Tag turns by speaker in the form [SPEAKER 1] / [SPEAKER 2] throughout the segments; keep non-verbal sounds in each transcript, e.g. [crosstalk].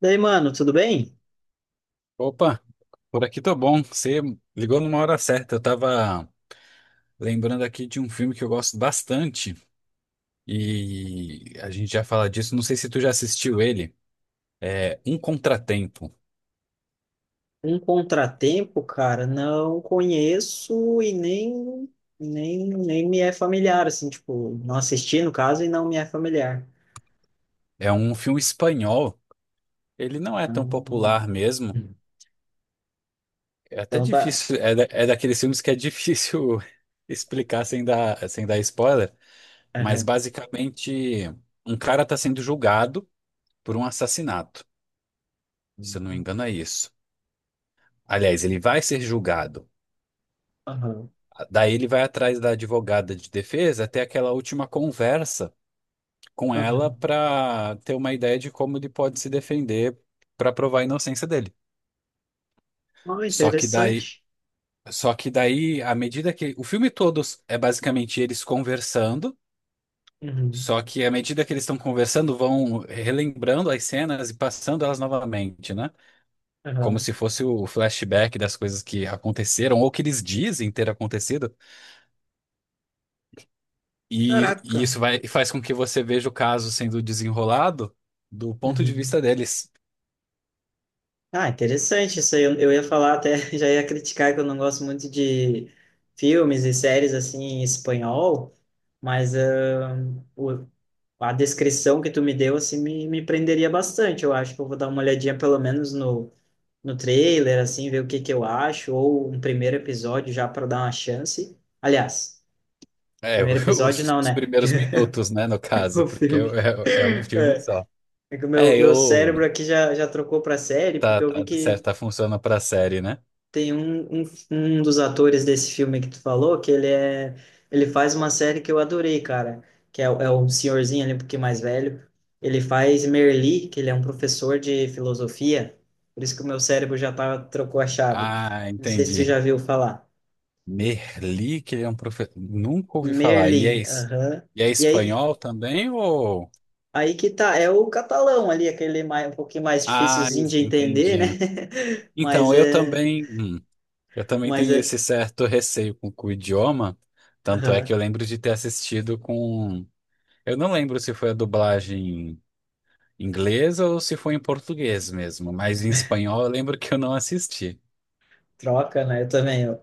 [SPEAKER 1] Daí, mano, tudo bem?
[SPEAKER 2] Opa, por aqui tô bom. Você ligou numa hora certa. Eu tava lembrando aqui de um filme que eu gosto bastante e a gente já fala disso. Não sei se tu já assistiu ele. É Um Contratempo.
[SPEAKER 1] Um contratempo, cara, não conheço e nem me é familiar, assim, tipo, não assisti no caso e não me é familiar.
[SPEAKER 2] É um filme espanhol. Ele não é tão
[SPEAKER 1] Ah,
[SPEAKER 2] popular mesmo. É até
[SPEAKER 1] então tá.
[SPEAKER 2] difícil. É, é daqueles filmes que é difícil [laughs] explicar sem dar spoiler. Mas
[SPEAKER 1] Aham.
[SPEAKER 2] basicamente, um cara tá sendo julgado por um assassinato. Se eu não me engano, é isso. Aliás, ele vai ser julgado.
[SPEAKER 1] Aham.
[SPEAKER 2] Daí ele vai atrás da advogada de defesa até aquela última conversa com ela
[SPEAKER 1] Aham.
[SPEAKER 2] para ter uma ideia de como ele pode se defender para provar a inocência dele.
[SPEAKER 1] Oh,
[SPEAKER 2] Só que daí,
[SPEAKER 1] interessante.
[SPEAKER 2] só que daí, à medida que o filme todo é basicamente eles conversando,
[SPEAKER 1] Uhum.
[SPEAKER 2] só que à medida que eles estão conversando, vão relembrando as cenas e passando elas novamente, né? Como
[SPEAKER 1] Aham.
[SPEAKER 2] se fosse o flashback das coisas que aconteceram ou que eles dizem ter acontecido. E isso
[SPEAKER 1] Caraca.
[SPEAKER 2] vai, faz com que você veja o caso sendo desenrolado do ponto de
[SPEAKER 1] Uhum.
[SPEAKER 2] vista deles.
[SPEAKER 1] Ah, interessante isso aí. Eu ia falar até, [laughs] já ia criticar que eu não gosto muito de filmes e séries assim em espanhol, mas ah, o, a descrição que tu me deu, assim, me prenderia bastante. Eu acho que eu vou dar uma olhadinha pelo menos no trailer, assim, ver o que que eu acho, ou um primeiro episódio já para dar uma chance. Aliás,
[SPEAKER 2] É,
[SPEAKER 1] primeiro
[SPEAKER 2] [laughs]
[SPEAKER 1] episódio não,
[SPEAKER 2] os
[SPEAKER 1] né?
[SPEAKER 2] primeiros
[SPEAKER 1] [laughs]
[SPEAKER 2] minutos, né, no
[SPEAKER 1] Porque
[SPEAKER 2] caso,
[SPEAKER 1] o
[SPEAKER 2] porque
[SPEAKER 1] filme.
[SPEAKER 2] é um filme
[SPEAKER 1] É
[SPEAKER 2] só.
[SPEAKER 1] é que o
[SPEAKER 2] É,
[SPEAKER 1] meu
[SPEAKER 2] eu.
[SPEAKER 1] cérebro aqui já trocou para série,
[SPEAKER 2] Tá,
[SPEAKER 1] porque eu vi
[SPEAKER 2] tá,
[SPEAKER 1] que
[SPEAKER 2] certo, tá funcionando pra série, né?
[SPEAKER 1] tem um dos atores desse filme que tu falou, que ele é, ele faz uma série que eu adorei, cara, que é, é o senhorzinho ali, um pouquinho mais velho. Ele faz Merli, que ele é um professor de filosofia, por isso que o meu cérebro já tá, trocou a chave.
[SPEAKER 2] Ah,
[SPEAKER 1] Não sei se tu
[SPEAKER 2] entendi.
[SPEAKER 1] já viu falar.
[SPEAKER 2] Merli, que ele é um professor. Nunca ouvi falar. E é,
[SPEAKER 1] Merli, aham.
[SPEAKER 2] e é
[SPEAKER 1] E aí,
[SPEAKER 2] espanhol também, ou.
[SPEAKER 1] aí que tá, é o catalão ali, aquele mais, um pouquinho mais
[SPEAKER 2] Ah,
[SPEAKER 1] dificilzinho de entender, né?
[SPEAKER 2] entendi.
[SPEAKER 1] [laughs] Mas
[SPEAKER 2] Então, eu
[SPEAKER 1] é,
[SPEAKER 2] também. Eu também
[SPEAKER 1] mas
[SPEAKER 2] tenho
[SPEAKER 1] é,
[SPEAKER 2] esse certo receio com o idioma, tanto é que
[SPEAKER 1] aham.
[SPEAKER 2] eu lembro de ter assistido com. Eu não lembro se foi a dublagem inglesa ou se foi em português mesmo, mas em espanhol eu lembro que eu não assisti.
[SPEAKER 1] Troca, né? Eu também.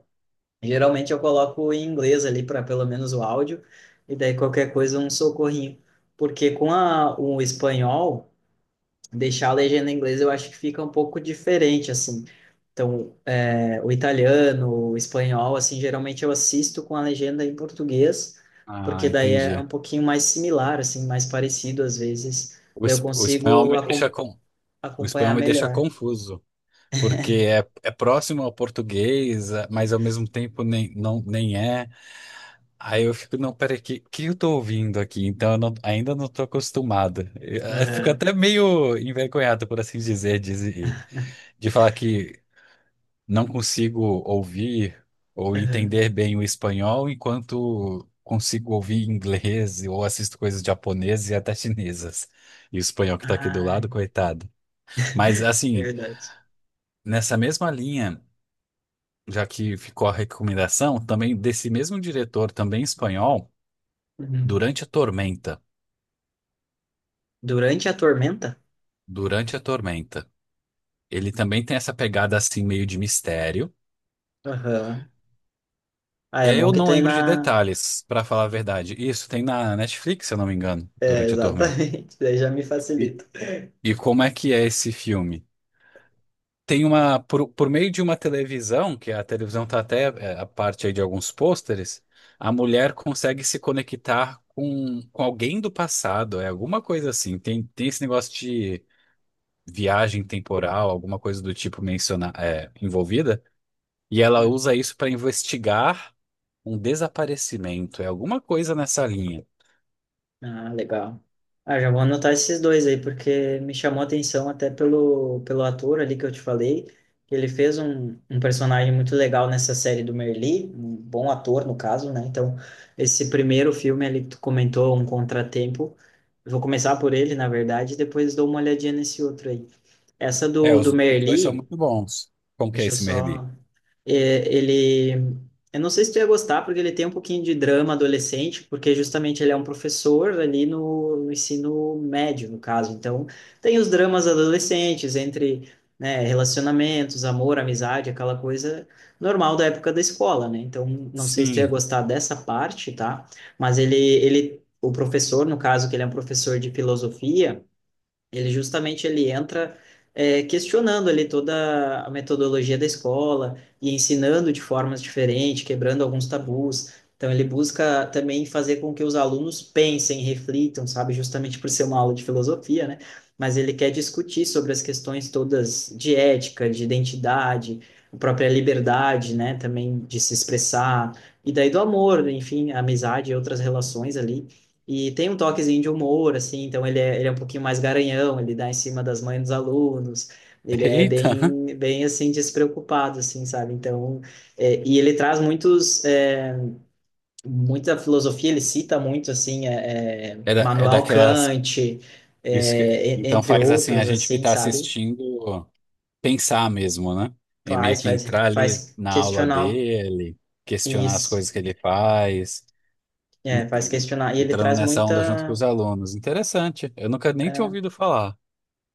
[SPEAKER 1] Geralmente eu coloco em inglês ali para pelo menos o áudio, e daí qualquer coisa um socorrinho. Porque com o espanhol, deixar a legenda em inglês eu acho que fica um pouco diferente, assim. Então, é, o italiano, o espanhol, assim, geralmente eu assisto com a legenda em português,
[SPEAKER 2] Ah,
[SPEAKER 1] porque daí é
[SPEAKER 2] entendi.
[SPEAKER 1] um pouquinho mais similar, assim, mais parecido às vezes. Daí eu
[SPEAKER 2] O espanhol
[SPEAKER 1] consigo
[SPEAKER 2] me deixa com o
[SPEAKER 1] acompanhar
[SPEAKER 2] espanhol me deixa
[SPEAKER 1] melhor.
[SPEAKER 2] confuso, porque é próximo ao português, mas ao mesmo tempo nem é. Aí eu fico, não, peraí, que eu tô ouvindo aqui? Então eu não- ainda não tô acostumado. Eu fico
[SPEAKER 1] Aham,
[SPEAKER 2] até meio envergonhado, por assim dizer, de falar que não consigo ouvir ou
[SPEAKER 1] aham.
[SPEAKER 2] entender bem o espanhol enquanto consigo ouvir inglês ou assisto coisas japonesas e até chinesas. E o espanhol que tá aqui do
[SPEAKER 1] Ah,
[SPEAKER 2] lado, coitado. Mas
[SPEAKER 1] [laughs]
[SPEAKER 2] assim,
[SPEAKER 1] verdade.
[SPEAKER 2] nessa mesma linha, já que ficou a recomendação, também desse mesmo diretor, também espanhol,
[SPEAKER 1] Uhum.
[SPEAKER 2] Durante a Tormenta.
[SPEAKER 1] Durante a tormenta?
[SPEAKER 2] Durante a Tormenta. Ele também tem essa pegada assim, meio de mistério.
[SPEAKER 1] Aham. Ah,
[SPEAKER 2] E
[SPEAKER 1] é bom
[SPEAKER 2] eu
[SPEAKER 1] que
[SPEAKER 2] não
[SPEAKER 1] tem
[SPEAKER 2] lembro de
[SPEAKER 1] na.
[SPEAKER 2] detalhes, pra falar a verdade. Isso tem na Netflix, se eu não me engano,
[SPEAKER 1] É,
[SPEAKER 2] Durante a Tormenta.
[SPEAKER 1] exatamente. [laughs] Daí já me
[SPEAKER 2] E,
[SPEAKER 1] facilita.
[SPEAKER 2] e como é que é esse filme? Tem uma, por meio de uma televisão, que a televisão tá a parte aí de alguns pôsteres, a mulher consegue se conectar com alguém do passado, é alguma coisa assim. Tem esse negócio de viagem temporal, alguma coisa do tipo menciona, é, envolvida? E ela
[SPEAKER 1] Hum.
[SPEAKER 2] usa isso para investigar um desaparecimento. É alguma coisa nessa linha.
[SPEAKER 1] Ah, legal. Ah, já vou anotar esses dois aí, porque me chamou a atenção até pelo ator ali que eu te falei. Ele fez um personagem muito legal nessa série do Merli, um bom ator no caso, né? Então, esse primeiro filme ali que tu comentou, Um Contratempo, eu vou começar por ele, na verdade, e depois dou uma olhadinha nesse outro aí. Essa
[SPEAKER 2] É,
[SPEAKER 1] do
[SPEAKER 2] os dois são
[SPEAKER 1] Merli,
[SPEAKER 2] muito bons. Como que é
[SPEAKER 1] deixa eu
[SPEAKER 2] esse Merli?
[SPEAKER 1] só é, ele, eu não sei se tu ia gostar, porque ele tem um pouquinho de drama adolescente, porque justamente ele é um professor ali no ensino médio, no caso. Então, tem os dramas adolescentes entre, né, relacionamentos, amor, amizade, aquela coisa normal da época da escola, né? Então, não sei se tu ia
[SPEAKER 2] Sim.
[SPEAKER 1] gostar dessa parte, tá? Mas ele, o professor, no caso, que ele é um professor de filosofia. Ele justamente ele entra questionando ali toda a metodologia da escola e ensinando de formas diferentes, quebrando alguns tabus. Então ele busca também fazer com que os alunos pensem, reflitam, sabe, justamente por ser uma aula de filosofia, né? Mas ele quer discutir sobre as questões todas de ética, de identidade, a própria liberdade, né, também de se expressar, e daí do amor, enfim, amizade e outras relações ali. E tem um toquezinho de humor, assim, então ele ele é um pouquinho mais garanhão, ele dá em cima das mães dos alunos, ele
[SPEAKER 2] [laughs]
[SPEAKER 1] é
[SPEAKER 2] Eita!
[SPEAKER 1] bem, bem assim, despreocupado, assim, sabe? Então, é, e ele traz muitos, muita filosofia, ele cita muito, assim,
[SPEAKER 2] É, é
[SPEAKER 1] Manuel
[SPEAKER 2] daquelas.
[SPEAKER 1] Kant,
[SPEAKER 2] Isso que, então
[SPEAKER 1] entre
[SPEAKER 2] faz assim a
[SPEAKER 1] outros,
[SPEAKER 2] gente que
[SPEAKER 1] assim,
[SPEAKER 2] está
[SPEAKER 1] sabe?
[SPEAKER 2] assistindo pensar mesmo, né? É meio
[SPEAKER 1] Faz,
[SPEAKER 2] que
[SPEAKER 1] faz,
[SPEAKER 2] entrar ali
[SPEAKER 1] faz
[SPEAKER 2] na aula
[SPEAKER 1] questionar
[SPEAKER 2] dele, questionar as
[SPEAKER 1] isso,
[SPEAKER 2] coisas que ele faz, en-
[SPEAKER 1] é, faz
[SPEAKER 2] en-
[SPEAKER 1] questionar, e ele
[SPEAKER 2] entrando
[SPEAKER 1] traz
[SPEAKER 2] nessa onda junto com
[SPEAKER 1] muita
[SPEAKER 2] os alunos. Interessante. Eu nunca nem tinha
[SPEAKER 1] é,
[SPEAKER 2] ouvido falar.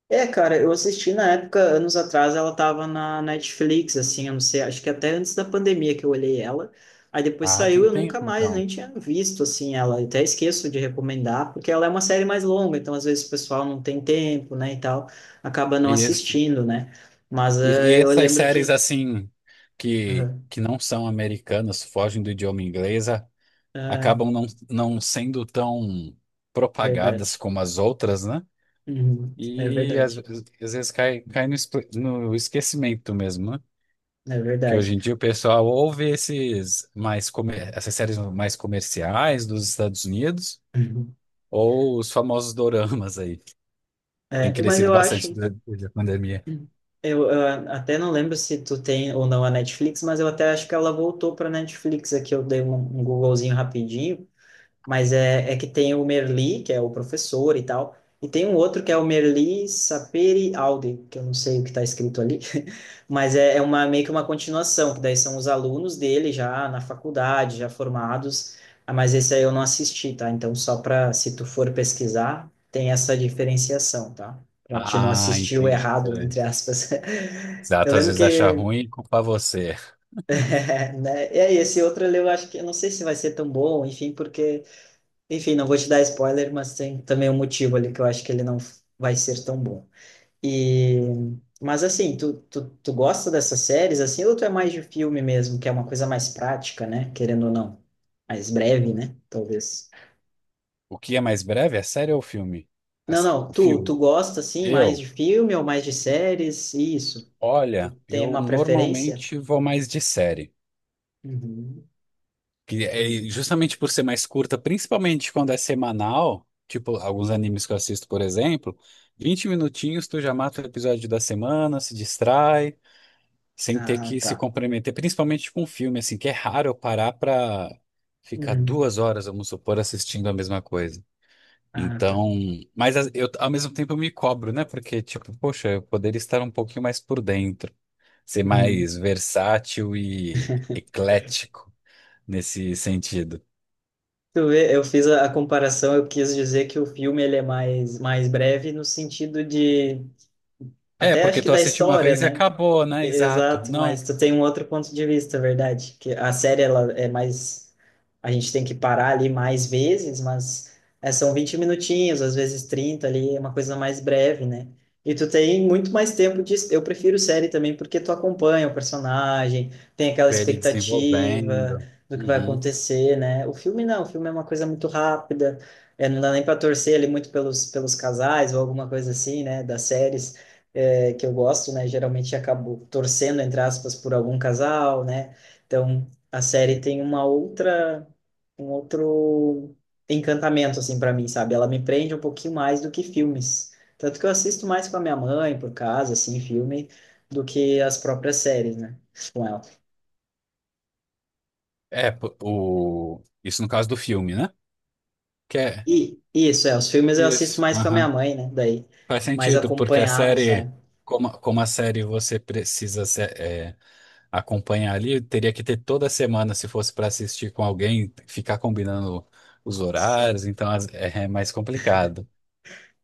[SPEAKER 1] é, cara, eu assisti na época, anos atrás, ela tava na Netflix, assim, eu não sei, acho que até antes da pandemia que eu olhei ela. Aí depois
[SPEAKER 2] Ah,
[SPEAKER 1] saiu,
[SPEAKER 2] tem
[SPEAKER 1] eu nunca
[SPEAKER 2] tempo
[SPEAKER 1] mais
[SPEAKER 2] então.
[SPEAKER 1] nem tinha visto, assim, ela. Eu até esqueço de recomendar, porque ela é uma série mais longa, então às vezes o pessoal não tem tempo, né, e tal, acaba não
[SPEAKER 2] Isso.
[SPEAKER 1] assistindo, né? Mas
[SPEAKER 2] E
[SPEAKER 1] eh, eu
[SPEAKER 2] essas
[SPEAKER 1] lembro
[SPEAKER 2] séries
[SPEAKER 1] que.
[SPEAKER 2] assim
[SPEAKER 1] Aham,
[SPEAKER 2] que não são americanas, fogem do idioma inglês,
[SPEAKER 1] é
[SPEAKER 2] acabam não sendo tão propagadas
[SPEAKER 1] verdade.
[SPEAKER 2] como as outras, né?
[SPEAKER 1] Uhum, é
[SPEAKER 2] E
[SPEAKER 1] verdade.
[SPEAKER 2] às vezes cai no, no esquecimento mesmo, né?
[SPEAKER 1] É
[SPEAKER 2] Que
[SPEAKER 1] verdade.
[SPEAKER 2] hoje em dia o pessoal ouve essas séries mais comerciais dos Estados Unidos
[SPEAKER 1] Uhum.
[SPEAKER 2] ou os famosos doramas aí. Tem
[SPEAKER 1] É, e- mas
[SPEAKER 2] crescido
[SPEAKER 1] eu
[SPEAKER 2] bastante
[SPEAKER 1] acho.
[SPEAKER 2] durante a pandemia.
[SPEAKER 1] Eu até não lembro se tu tem ou não a Netflix, mas eu até acho que ela voltou para Netflix aqui. Eu dei um Googlezinho rapidinho. Mas é, é que tem o Merli, que é o professor e tal, e tem um outro que é o Merli Saperi Aude, que eu não sei o que está escrito ali, [laughs] mas é, é uma, meio que uma continuação, que daí são os alunos dele já na faculdade, já formados, ah, mas esse aí eu não assisti, tá? Então, só para, se tu for pesquisar, tem essa diferenciação, tá? Para te não
[SPEAKER 2] Ah,
[SPEAKER 1] assistir o
[SPEAKER 2] entendi.
[SPEAKER 1] errado, entre aspas. [laughs] Eu
[SPEAKER 2] Exato, às
[SPEAKER 1] lembro
[SPEAKER 2] vezes achar
[SPEAKER 1] que,
[SPEAKER 2] ruim e culpar você. [laughs]
[SPEAKER 1] [laughs] né, e aí, esse outro eu acho que, eu não sei se vai ser tão bom, enfim, porque enfim, não vou te dar spoiler, mas tem também um motivo ali que eu acho que ele não vai ser tão bom. E mas assim, tu gosta dessas séries assim ou tu é mais de filme mesmo, que é uma coisa mais prática, né? Querendo ou não, mais breve, né? Talvez.
[SPEAKER 2] O que é mais breve? É série ou filme?
[SPEAKER 1] Não, não,
[SPEAKER 2] O
[SPEAKER 1] tu
[SPEAKER 2] filme.
[SPEAKER 1] gosta assim mais
[SPEAKER 2] Eu,
[SPEAKER 1] de filme ou mais de séries? Isso. Tu
[SPEAKER 2] olha,
[SPEAKER 1] tem
[SPEAKER 2] eu
[SPEAKER 1] uma preferência?
[SPEAKER 2] normalmente vou mais de série.
[SPEAKER 1] Uhum,
[SPEAKER 2] Que é
[SPEAKER 1] entendi.
[SPEAKER 2] justamente por ser mais curta, principalmente quando é semanal, tipo alguns animes que eu assisto, por exemplo, 20 minutinhos tu já mata o episódio da semana, se distrai, sem ter
[SPEAKER 1] Ah,
[SPEAKER 2] que
[SPEAKER 1] tá.
[SPEAKER 2] se comprometer, principalmente com filme, assim, que é raro eu parar pra ficar
[SPEAKER 1] Uhum.
[SPEAKER 2] 2 horas, vamos supor, assistindo a mesma coisa.
[SPEAKER 1] Ah, tá.
[SPEAKER 2] Então, ao mesmo tempo eu me cobro, né? Porque, tipo, poxa, eu poderia estar um pouquinho mais por dentro, ser
[SPEAKER 1] Uhum.
[SPEAKER 2] mais versátil e eclético nesse sentido.
[SPEAKER 1] Tu vê, eu fiz a comparação, eu quis dizer que o filme ele é mais, mais breve no sentido de,
[SPEAKER 2] É,
[SPEAKER 1] até acho
[SPEAKER 2] porque
[SPEAKER 1] que
[SPEAKER 2] tu
[SPEAKER 1] da
[SPEAKER 2] assiste uma
[SPEAKER 1] história,
[SPEAKER 2] vez e
[SPEAKER 1] né?
[SPEAKER 2] acabou, né? Exato.
[SPEAKER 1] Exato, mas
[SPEAKER 2] Não,
[SPEAKER 1] tu tem um outro ponto de vista, verdade? Que a série ela é mais a gente tem que parar ali mais vezes, mas é, são 20 minutinhos, às vezes 30 ali, é uma coisa mais breve, né? E tu tem muito mais tempo de eu prefiro série também porque tu acompanha o personagem, tem aquela
[SPEAKER 2] vê ele
[SPEAKER 1] expectativa
[SPEAKER 2] desenvolvendo.
[SPEAKER 1] do que vai
[SPEAKER 2] Uhum.
[SPEAKER 1] acontecer, né? O filme não, o filme é uma coisa muito rápida, é, não dá nem para torcer ali muito pelos pelos casais ou alguma coisa assim, né, das séries é, que eu gosto, né? Geralmente acabo torcendo, entre aspas, por algum casal, né? Então, a série tem uma outra, um outro encantamento, assim, para mim, sabe? Ela me prende um pouquinho mais do que filmes. Tanto que eu assisto mais com a minha mãe, por casa, assim, filme, do que as próprias séries, né? Com ela.
[SPEAKER 2] É, isso no caso do filme, né? Que é.
[SPEAKER 1] E isso, é, os filmes eu assisto
[SPEAKER 2] Isso.
[SPEAKER 1] mais com a minha mãe, né? Daí,
[SPEAKER 2] Faz
[SPEAKER 1] mais
[SPEAKER 2] sentido, porque a
[SPEAKER 1] acompanhado,
[SPEAKER 2] série,
[SPEAKER 1] sabe?
[SPEAKER 2] como a série você precisa acompanhar ali, teria que ter toda semana se fosse para assistir com alguém, ficar combinando os horários, então é, é mais complicado.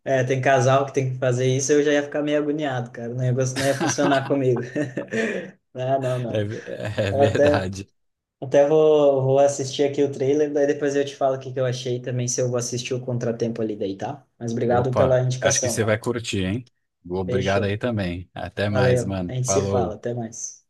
[SPEAKER 1] É, tem casal que tem que fazer isso, eu já ia ficar meio agoniado, cara. O negócio não ia
[SPEAKER 2] [laughs]
[SPEAKER 1] funcionar comigo. [laughs] Não, não,
[SPEAKER 2] É,
[SPEAKER 1] não.
[SPEAKER 2] é
[SPEAKER 1] Eu até,
[SPEAKER 2] verdade.
[SPEAKER 1] até vou, vou assistir aqui o trailer, daí depois eu te falo o que que eu achei também, se eu vou assistir o Contratempo ali daí, tá? Mas obrigado pela
[SPEAKER 2] Opa, acho que
[SPEAKER 1] indicação,
[SPEAKER 2] você
[SPEAKER 1] mano.
[SPEAKER 2] vai curtir, hein? Obrigado aí
[SPEAKER 1] Fechou.
[SPEAKER 2] também. Até mais,
[SPEAKER 1] Valeu. A
[SPEAKER 2] mano.
[SPEAKER 1] gente se fala.
[SPEAKER 2] Falou.
[SPEAKER 1] Até mais.